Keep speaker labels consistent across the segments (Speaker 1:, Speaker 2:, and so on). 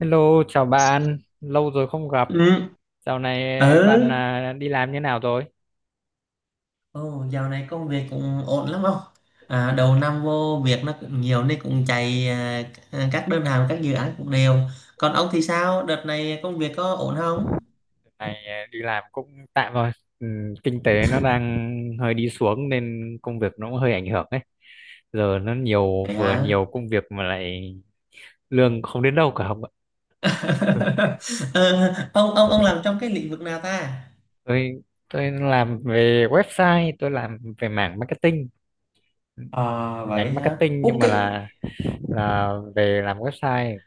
Speaker 1: Hello, chào bạn. Lâu rồi không gặp.
Speaker 2: Ừ,
Speaker 1: Dạo này
Speaker 2: ừ.
Speaker 1: bạn à, đi làm như nào rồi?
Speaker 2: Ồ, dạo này công việc cũng ổn lắm không? À, đầu năm vô việc nó cũng nhiều nên cũng chạy các đơn hàng, các dự án cũng đều. Còn ông thì sao? Đợt này công việc có ổn không?
Speaker 1: Dạo này à, đi làm cũng tạm rồi. Ừ, kinh tế nó đang hơi đi xuống nên công việc nó cũng hơi ảnh hưởng ấy. Giờ nó nhiều
Speaker 2: Vậy
Speaker 1: vừa
Speaker 2: hả?
Speaker 1: nhiều công việc mà lại lương không đến đâu cả không ạ. Ừ,
Speaker 2: Ờ, ông làm trong cái lĩnh vực nào ta?
Speaker 1: Tôi tôi làm về website, tôi làm về mảng marketing,
Speaker 2: À vậy
Speaker 1: nhánh
Speaker 2: hả?
Speaker 1: marketing
Speaker 2: Ủa,
Speaker 1: nhưng mà
Speaker 2: cái
Speaker 1: là về làm website.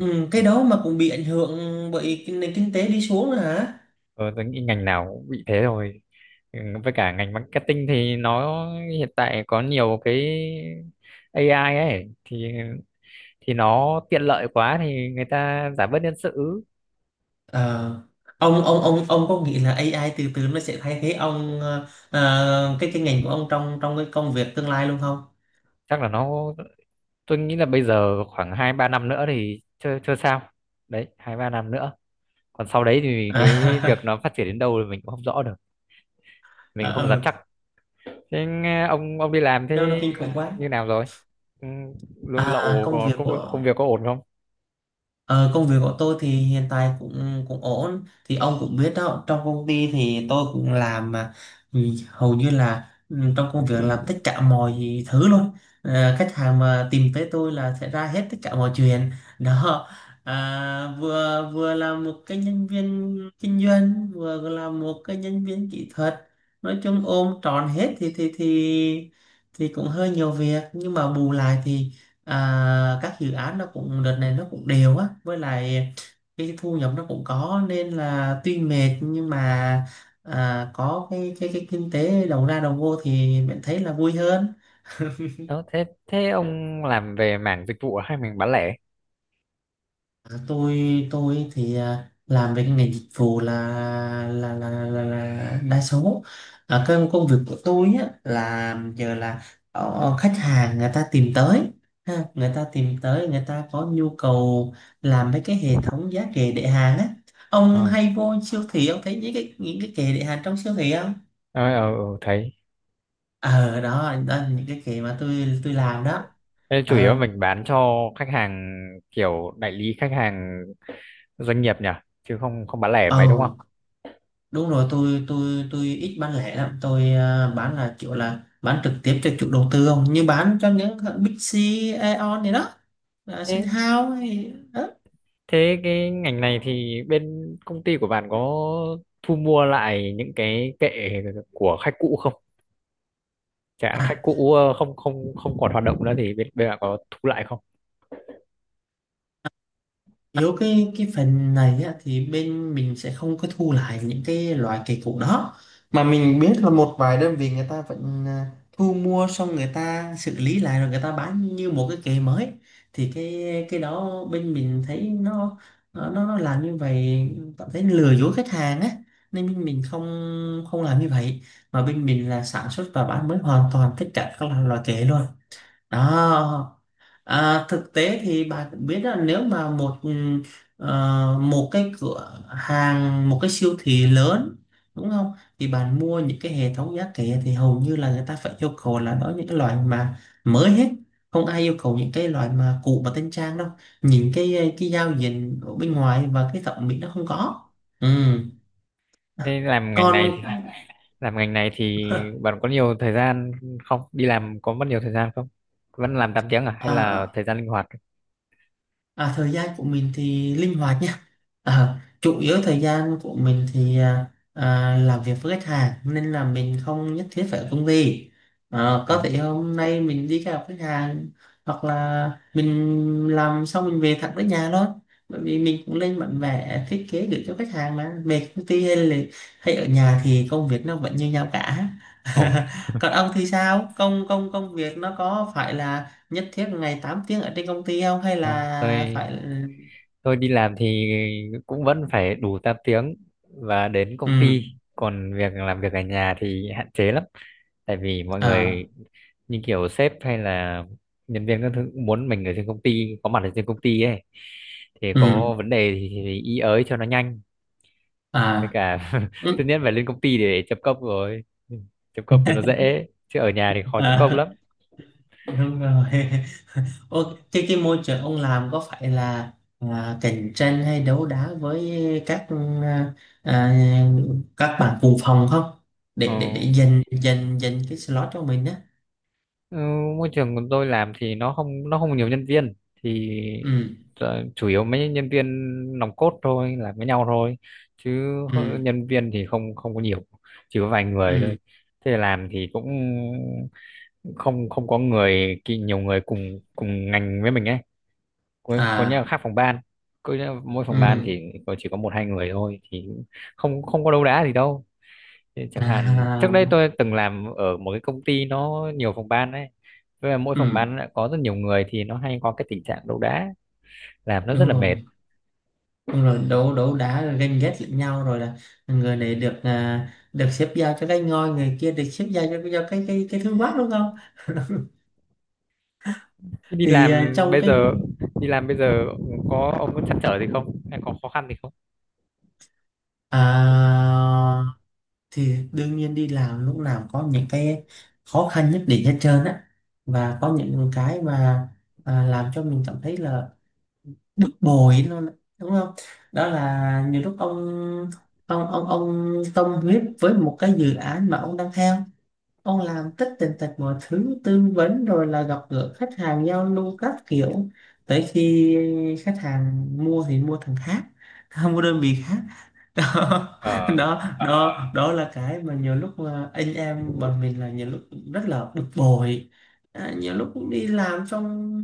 Speaker 2: ừ, cái đó mà cũng bị ảnh hưởng bởi cái nền kinh tế đi xuống nữa hả?
Speaker 1: Ờ, tôi nghĩ ngành nào cũng bị thế rồi. Ừ, với cả ngành marketing thì nó hiện tại có nhiều cái AI ấy thì nó tiện lợi quá thì người ta giảm bớt nhân sự.
Speaker 2: Ờ, ông có nghĩ là AI từ từ nó sẽ thay thế ông cái ngành của ông trong trong cái công việc tương lai luôn không?
Speaker 1: Chắc là nó, tôi nghĩ là bây giờ khoảng hai ba năm nữa thì chưa chưa sao đấy, hai ba năm nữa, còn sau đấy thì cái việc nó phát triển đến đâu thì mình cũng không rõ được, mình
Speaker 2: À,
Speaker 1: cũng không
Speaker 2: ờ,
Speaker 1: dám
Speaker 2: ừ,
Speaker 1: chắc. Thế nghe ông đi làm
Speaker 2: nó
Speaker 1: thế
Speaker 2: kinh khủng quá.
Speaker 1: như nào rồi? Ừ, lương
Speaker 2: À,
Speaker 1: lậu
Speaker 2: công
Speaker 1: có
Speaker 2: việc
Speaker 1: công, công
Speaker 2: của
Speaker 1: việc có ổn không?
Speaker 2: Ờ, công việc của tôi thì hiện tại cũng cũng ổn thì ông cũng biết đó, trong công ty thì tôi cũng làm mà, ừ, hầu như là, trong công việc làm tất cả mọi thứ luôn. Ờ, khách hàng mà tìm tới tôi là sẽ ra hết tất cả mọi chuyện đó, vừa vừa là một cái nhân viên kinh doanh vừa là một cái nhân viên kỹ thuật. Nói chung ôm trọn hết thì thì cũng hơi nhiều việc nhưng mà bù lại thì các dự án nó cũng đợt này nó cũng đều á, với lại cái thu nhập nó cũng có nên là tuy mệt nhưng mà có cái cái kinh tế đầu ra đầu vô thì mình thấy là vui hơn.
Speaker 1: Đó, thế thế ông làm về mảng dịch vụ hay mình bán lẻ?
Speaker 2: À, tôi tôi thì làm về cái ngành dịch vụ là là đa số. Cái công việc của tôi á là giờ là khách hàng người ta tìm tới, ha, người ta tìm tới, người ta có nhu cầu làm mấy cái hệ thống giá kệ để hàng á. Ông
Speaker 1: Ờ,
Speaker 2: hay vô siêu thị, ông thấy những cái, những cái kệ để hàng trong siêu thị không?
Speaker 1: ờ, ờ, ờ, thấy.
Speaker 2: Ờ đó, đó là những cái kệ mà tôi làm đó.
Speaker 1: Thế chủ yếu
Speaker 2: ờ
Speaker 1: mình bán cho khách hàng kiểu đại lý, khách hàng doanh nghiệp nhỉ, chứ không không bán lẻ
Speaker 2: ờ
Speaker 1: mấy đúng không?
Speaker 2: Đúng rồi, tôi ít bán lẻ lắm, tôi bán là kiểu là bán trực tiếp cho chủ đầu tư không, như bán cho những hãng Big C, Aeon này đó, Sun
Speaker 1: Thế
Speaker 2: House hay đó.
Speaker 1: thế cái ngành này thì bên công ty của bạn có thu mua lại những cái kệ của khách cũ không? Chẳng hạn
Speaker 2: À,
Speaker 1: khách cũ ờ, không không không còn hoạt động nữa thì bên bên bạn có thu lại không?
Speaker 2: Yếu cái phần này á, thì bên mình sẽ không có thu lại những cái loại cây cũ đó, mà mình biết là một vài đơn vị người ta vẫn thu mua xong người ta xử lý lại rồi người ta bán như một cái cây mới. Thì cái đó bên mình thấy nó làm như vậy cảm thấy lừa dối khách hàng á, nên bên
Speaker 1: Ừ.
Speaker 2: mình không không làm như vậy, mà bên mình là sản xuất và bán mới hoàn toàn tất cả các loại loại cây luôn đó. Thực tế thì bà cũng biết là nếu mà một một cái cửa hàng, một cái siêu thị lớn, đúng không, thì bạn mua những cái hệ thống giá kệ thì hầu như là người ta phải yêu cầu là đó những cái loại mà mới hết, không ai yêu cầu những cái loại mà cũ và tân trang đâu. Nhìn cái cái giao diện ở bên ngoài và cái thẩm mỹ nó không có. Ừ.
Speaker 1: Thế làm ngành
Speaker 2: Còn
Speaker 1: này thì làm ngành này thì bạn có nhiều thời gian không, đi làm có mất nhiều thời gian không, vẫn làm 8 tiếng à hay là
Speaker 2: à,
Speaker 1: thời gian linh hoạt?
Speaker 2: Thời gian của mình thì linh hoạt nha. Ờ, chủ yếu thời gian của mình thì làm việc với khách hàng nên là mình không nhất thiết phải ở công ty. Ờ,
Speaker 1: Ừ.
Speaker 2: có thể hôm nay mình đi gặp khách hàng, hoặc là mình làm xong mình về thẳng tới nhà thôi. Bởi vì mình cũng lên bản vẽ thiết kế gửi cho khách hàng mà, về công ty hay là ở nhà thì công việc nó vẫn như nhau cả.
Speaker 1: ồ
Speaker 2: Còn ông thì sao? Công công công việc nó có phải là nhất thiết ngày 8 tiếng ở trên công ty không, hay
Speaker 1: không
Speaker 2: là
Speaker 1: tôi
Speaker 2: phải
Speaker 1: tôi đi làm thì cũng vẫn phải đủ 8 tiếng và đến
Speaker 2: ừ
Speaker 1: công ty, còn việc làm việc ở nhà thì hạn chế lắm, tại vì mọi
Speaker 2: à
Speaker 1: người như kiểu sếp hay là nhân viên các thứ cũng muốn mình ở trên công ty, có mặt ở trên công ty ấy, thì
Speaker 2: ừ
Speaker 1: có vấn đề thì ý ới cho nó nhanh. Với
Speaker 2: à
Speaker 1: cả
Speaker 2: ừ.
Speaker 1: tất nhiên phải lên công ty để chấm công rồi, chấm công thì nó dễ chứ ở nhà thì khó chấm
Speaker 2: à
Speaker 1: công lắm.
Speaker 2: đúng rồi. Ô, thế cái môi trường ông làm có phải là cạnh tranh hay đấu đá với các à, à, các bạn cùng phòng không,
Speaker 1: Ờ,
Speaker 2: để dành dành dành cái slot cho mình á?
Speaker 1: ừ, môi trường của tôi làm thì nó không nhiều nhân viên thì
Speaker 2: Ừ
Speaker 1: ờ, chủ yếu mấy nhân viên nòng cốt thôi làm với nhau thôi, chứ
Speaker 2: ừ
Speaker 1: nhân viên thì không không có nhiều, chỉ có vài người
Speaker 2: ừ
Speaker 1: thôi. Thế làm thì cũng không không có nhiều người cùng cùng ngành với mình ấy, có nhà
Speaker 2: à
Speaker 1: khác phòng ban, mỗi phòng ban
Speaker 2: ừ
Speaker 1: thì có chỉ có một hai người thôi thì không không có đấu đá gì đâu. Thế chẳng hạn
Speaker 2: à
Speaker 1: trước đây tôi từng làm ở một cái công ty nó nhiều phòng ban đấy, với là mỗi
Speaker 2: ừ
Speaker 1: phòng ban lại có rất nhiều người thì nó hay có cái tình trạng đấu đá, làm nó rất
Speaker 2: đúng
Speaker 1: là mệt.
Speaker 2: rồi Đúng rồi, đấu đấu đá rồi ganh ghét lẫn nhau rồi là người này được được xếp giao cho cái ngôi, người kia được xếp giao cho, cái thương mát đúng không?
Speaker 1: Thế đi
Speaker 2: thì à,
Speaker 1: làm
Speaker 2: trong
Speaker 1: bây
Speaker 2: cái
Speaker 1: giờ đi làm bây giờ có ông có trăn trở gì không hay có khó khăn gì không?
Speaker 2: à, thì đương nhiên đi làm lúc nào có những cái khó khăn nhất định hết trơn á, và có những cái mà làm cho mình cảm thấy là bực bội luôn á, đúng không? Đó là nhiều lúc ông, ông tâm huyết với một cái dự án mà ông đang theo, ông làm tất tần tật mọi thứ tư vấn rồi là gặp gỡ khách hàng giao lưu các kiểu, tới khi khách hàng mua thì mua thằng khác mua đơn vị khác. Đó,
Speaker 1: Ờ
Speaker 2: Ờ, đó đó là cái mà nhiều lúc mà anh em bọn mình là nhiều lúc rất là bực bội. Nhiều lúc cũng đi làm xong,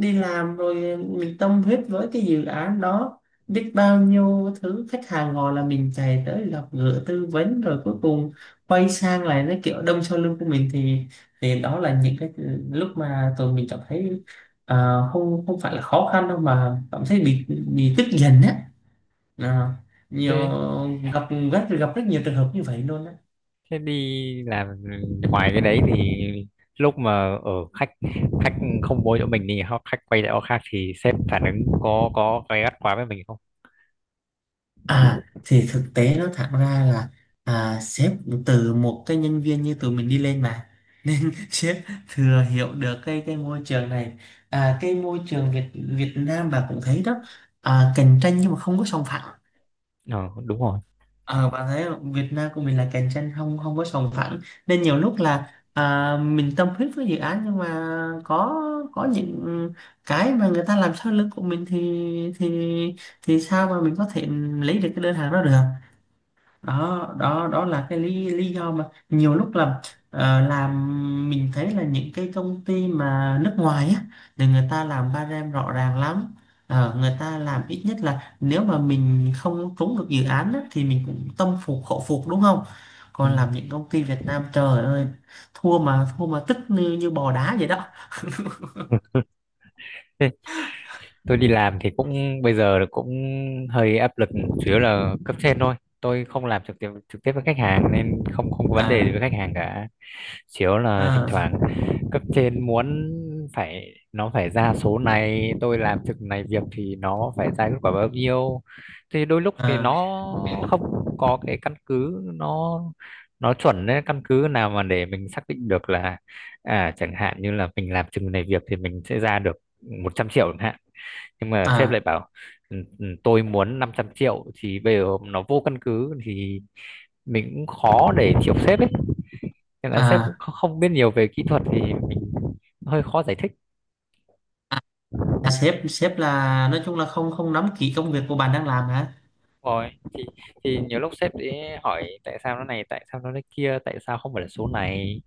Speaker 2: đi làm rồi mình tâm huyết với cái dự án đó, biết bao nhiêu thứ, khách hàng gọi là mình chạy tới gặp gỡ tư vấn rồi cuối cùng quay sang lại nó kiểu đâm sau lưng của mình thì đó là những cái lúc mà tụi mình cảm thấy à, không không phải là khó khăn đâu mà cảm thấy bị tức giận á. Ờ, nhiều,
Speaker 1: thế.
Speaker 2: gặp rất, gặp rất nhiều trường hợp như vậy luôn á.
Speaker 1: Thế đi làm ngoài cái đấy thì lúc mà ở khách khách không bố chỗ mình thì họ khách quay lại chỗ khác thì sếp phản ứng có gay gắt quá với mình không?
Speaker 2: À thì thực tế nó thẳng ra là sếp từ một cái nhân viên như tụi mình đi lên mà, nên sếp thừa hiểu được cái môi trường này. Cái môi trường Việt Việt Nam bà cũng thấy đó, cạnh tranh nhưng mà không có sòng phẳng.
Speaker 1: Ờ đúng rồi.
Speaker 2: Ờ, bạn thấy không, Việt Nam của mình là cạnh tranh không không có sòng phẳng, nên nhiều lúc là mình tâm huyết với dự án nhưng mà có có những cái mà người ta làm sau lưng của mình thì thì sao mà mình có thể lấy được cái đơn hàng đó được. Đó đó, đó là cái lý lý do mà nhiều lúc là làm mình thấy là những cái công ty mà nước ngoài á thì người ta làm ba rem rõ ràng lắm. Ờ, người ta làm ít nhất là nếu mà mình không trúng được dự án á, thì mình cũng tâm phục khẩu phục, đúng không? Còn làm những công ty Việt Nam trời ơi, thua mà, thua mà tức như, như bò đá vậy đó.
Speaker 1: Ừ. Tôi đi làm thì cũng bây giờ là cũng hơi áp lực, chủ yếu là cấp trên thôi, tôi không làm trực tiếp với khách hàng nên không không có vấn đề gì
Speaker 2: à
Speaker 1: với khách hàng cả. Chủ yếu là thỉnh
Speaker 2: à
Speaker 1: thoảng cấp trên muốn phải nó phải ra số này, tôi làm trực này việc thì nó phải ra kết quả bao nhiêu, thì đôi lúc thì
Speaker 2: à
Speaker 1: nó không có cái căn cứ nó chuẩn đấy, căn cứ nào mà để mình xác định được là à chẳng hạn như là mình làm chừng này việc thì mình sẽ ra được 100 triệu chẳng hạn, nhưng mà sếp lại
Speaker 2: à
Speaker 1: bảo "Ừ, ừ, tôi muốn 500 triệu" thì bây giờ nó vô căn cứ thì mình cũng khó để chịu sếp ấy, nên là sếp cũng
Speaker 2: à
Speaker 1: không biết nhiều về kỹ thuật thì mình hơi khó giải thích.
Speaker 2: À, sếp sếp là nói chung là không không nắm kỹ công việc của bạn đang làm hả?
Speaker 1: Rồi thì nhiều lúc sếp ấy hỏi tại sao nó này, tại sao nó thế kia, tại sao không phải là số này,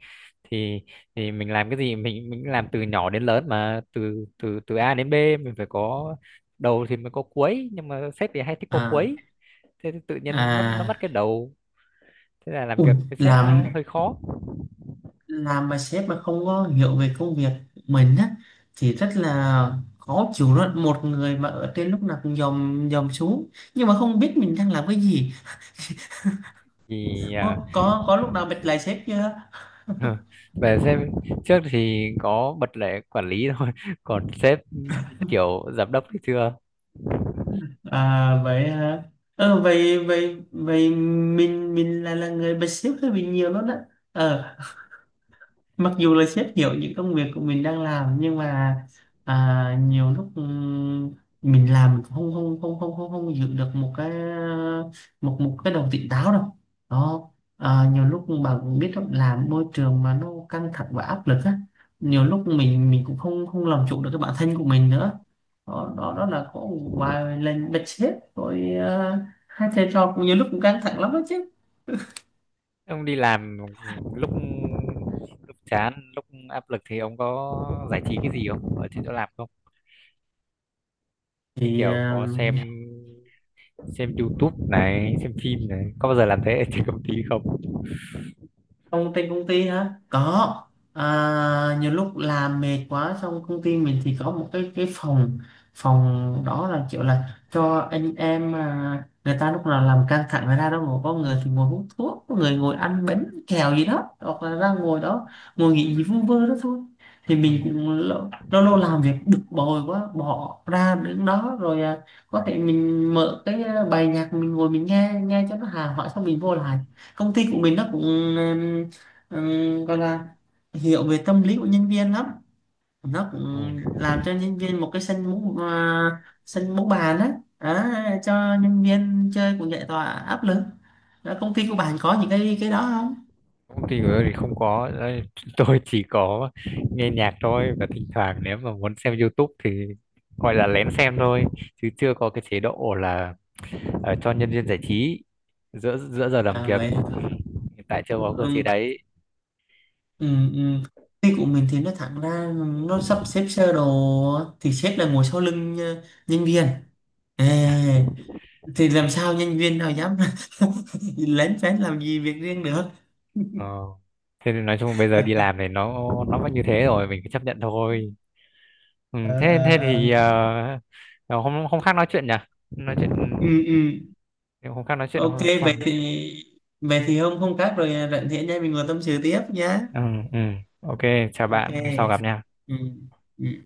Speaker 1: thì thì mình làm cái gì, mình làm từ nhỏ đến lớn mà từ từ từ A đến B, mình phải có đầu thì mới có cuối, nhưng mà sếp thì hay thích có
Speaker 2: à
Speaker 1: cuối, thế thì tự nhiên mất
Speaker 2: à
Speaker 1: cái đầu, thế là làm
Speaker 2: Ui,
Speaker 1: việc với sếp nó hơi khó.
Speaker 2: làm mà sếp mà không có hiểu về công việc mình á thì rất là khó chịu đó, một người mà ở trên lúc nào cũng dòm dòm xuống nhưng mà không biết mình đang làm cái gì.
Speaker 1: thì
Speaker 2: có
Speaker 1: à,
Speaker 2: có có lúc nào bật lại sếp chưa?
Speaker 1: Về sếp trước thì có bật lệ quản lý thôi, còn sếp kiểu giám đốc thì chưa.
Speaker 2: À vậy hả, ờ vậy vậy vậy mình, là người bật sếp hơi bị nhiều luôn đó. Ờ, mặc dù là sếp hiểu những công việc của mình đang làm nhưng mà nhiều lúc mình làm không không không không không không giữ được một cái, một một cái đầu tỉnh táo đâu. Đó, nhiều lúc bạn cũng biết đó, làm môi trường mà nó căng thẳng và áp lực á, nhiều lúc mình cũng không không làm chủ được cái bản thân của mình nữa. Đó đó,
Speaker 1: Ừ.
Speaker 2: đó là có một vài lần bật sếp rồi. Hai thầy trò cũng nhiều lúc cũng căng thẳng lắm đó chứ.
Speaker 1: Ông đi làm lúc lúc chán lúc áp lực thì ông có giải trí cái gì không ở trên chỗ làm không, như
Speaker 2: thì
Speaker 1: kiểu
Speaker 2: à,
Speaker 1: có xem YouTube này, xem phim này, có bao giờ làm thế ở trên công ty không?
Speaker 2: Công ty hả? Có. À, nhiều lúc làm mệt quá, xong công ty mình thì có một cái phòng, phòng đó là kiểu là cho anh em, người ta lúc nào làm căng thẳng người ta đó ngồi, có người thì ngồi hút thuốc, có người ngồi ăn bánh kẹo gì đó, hoặc là ra ngồi đó ngồi nghỉ gì vu vơ đó thôi. Thì
Speaker 1: Ừ.
Speaker 2: mình cũng lâu lâu, lâu làm việc bực bội quá bỏ ra đứng đó rồi, có thể mình mở cái bài nhạc mình ngồi mình nghe nghe cho nó hà hỏi xong mình vô lại. Công ty của mình nó cũng ừm, gọi là hiểu về tâm lý của nhân viên lắm, nó
Speaker 1: Ừ.
Speaker 2: cũng làm cho nhân viên một cái sân bóng, sân bóng bàn á. Đó, cho nhân viên chơi cũng giải tỏa áp lực. Đó, công ty của bạn có những cái đó không?
Speaker 1: Công ty của tôi thì không có đấy, tôi chỉ có nghe nhạc thôi, và thỉnh thoảng nếu mà muốn xem YouTube thì gọi là lén xem thôi, chứ chưa có cái chế độ là ờ, cho nhân viên giải trí giữa giữa giờ làm
Speaker 2: À
Speaker 1: việc.
Speaker 2: vậy hả?
Speaker 1: Ừ, hiện tại chưa có cơ chế
Speaker 2: Ừm,
Speaker 1: đấy.
Speaker 2: Công ty của mình thì nó thẳng ra, nó sắp xếp sơ đồ thì sếp là ngồi sau lưng nhân viên. Ê, thì làm sao nhân viên nào dám lén phén làm gì việc riêng được.
Speaker 1: Ờ, thế nên nói chung bây giờ đi làm này nó vẫn như thế rồi, mình cứ chấp nhận thôi. Ừ,
Speaker 2: ờ
Speaker 1: thế thế
Speaker 2: ờ ờ.
Speaker 1: thì ờ, ờ, hôm hôm khác nói chuyện nhỉ, nói chuyện
Speaker 2: Ừ ừ
Speaker 1: hôm khác, nói chuyện
Speaker 2: ok.
Speaker 1: hôm
Speaker 2: Vậy
Speaker 1: sau.
Speaker 2: thì, vậy thì hôm, khác rồi rảnh thì nha mình ngồi tâm sự tiếp nhá.
Speaker 1: Ừ, ừ. OK, chào
Speaker 2: Ok
Speaker 1: bạn, hôm sau gặp nha.
Speaker 2: ừ ừ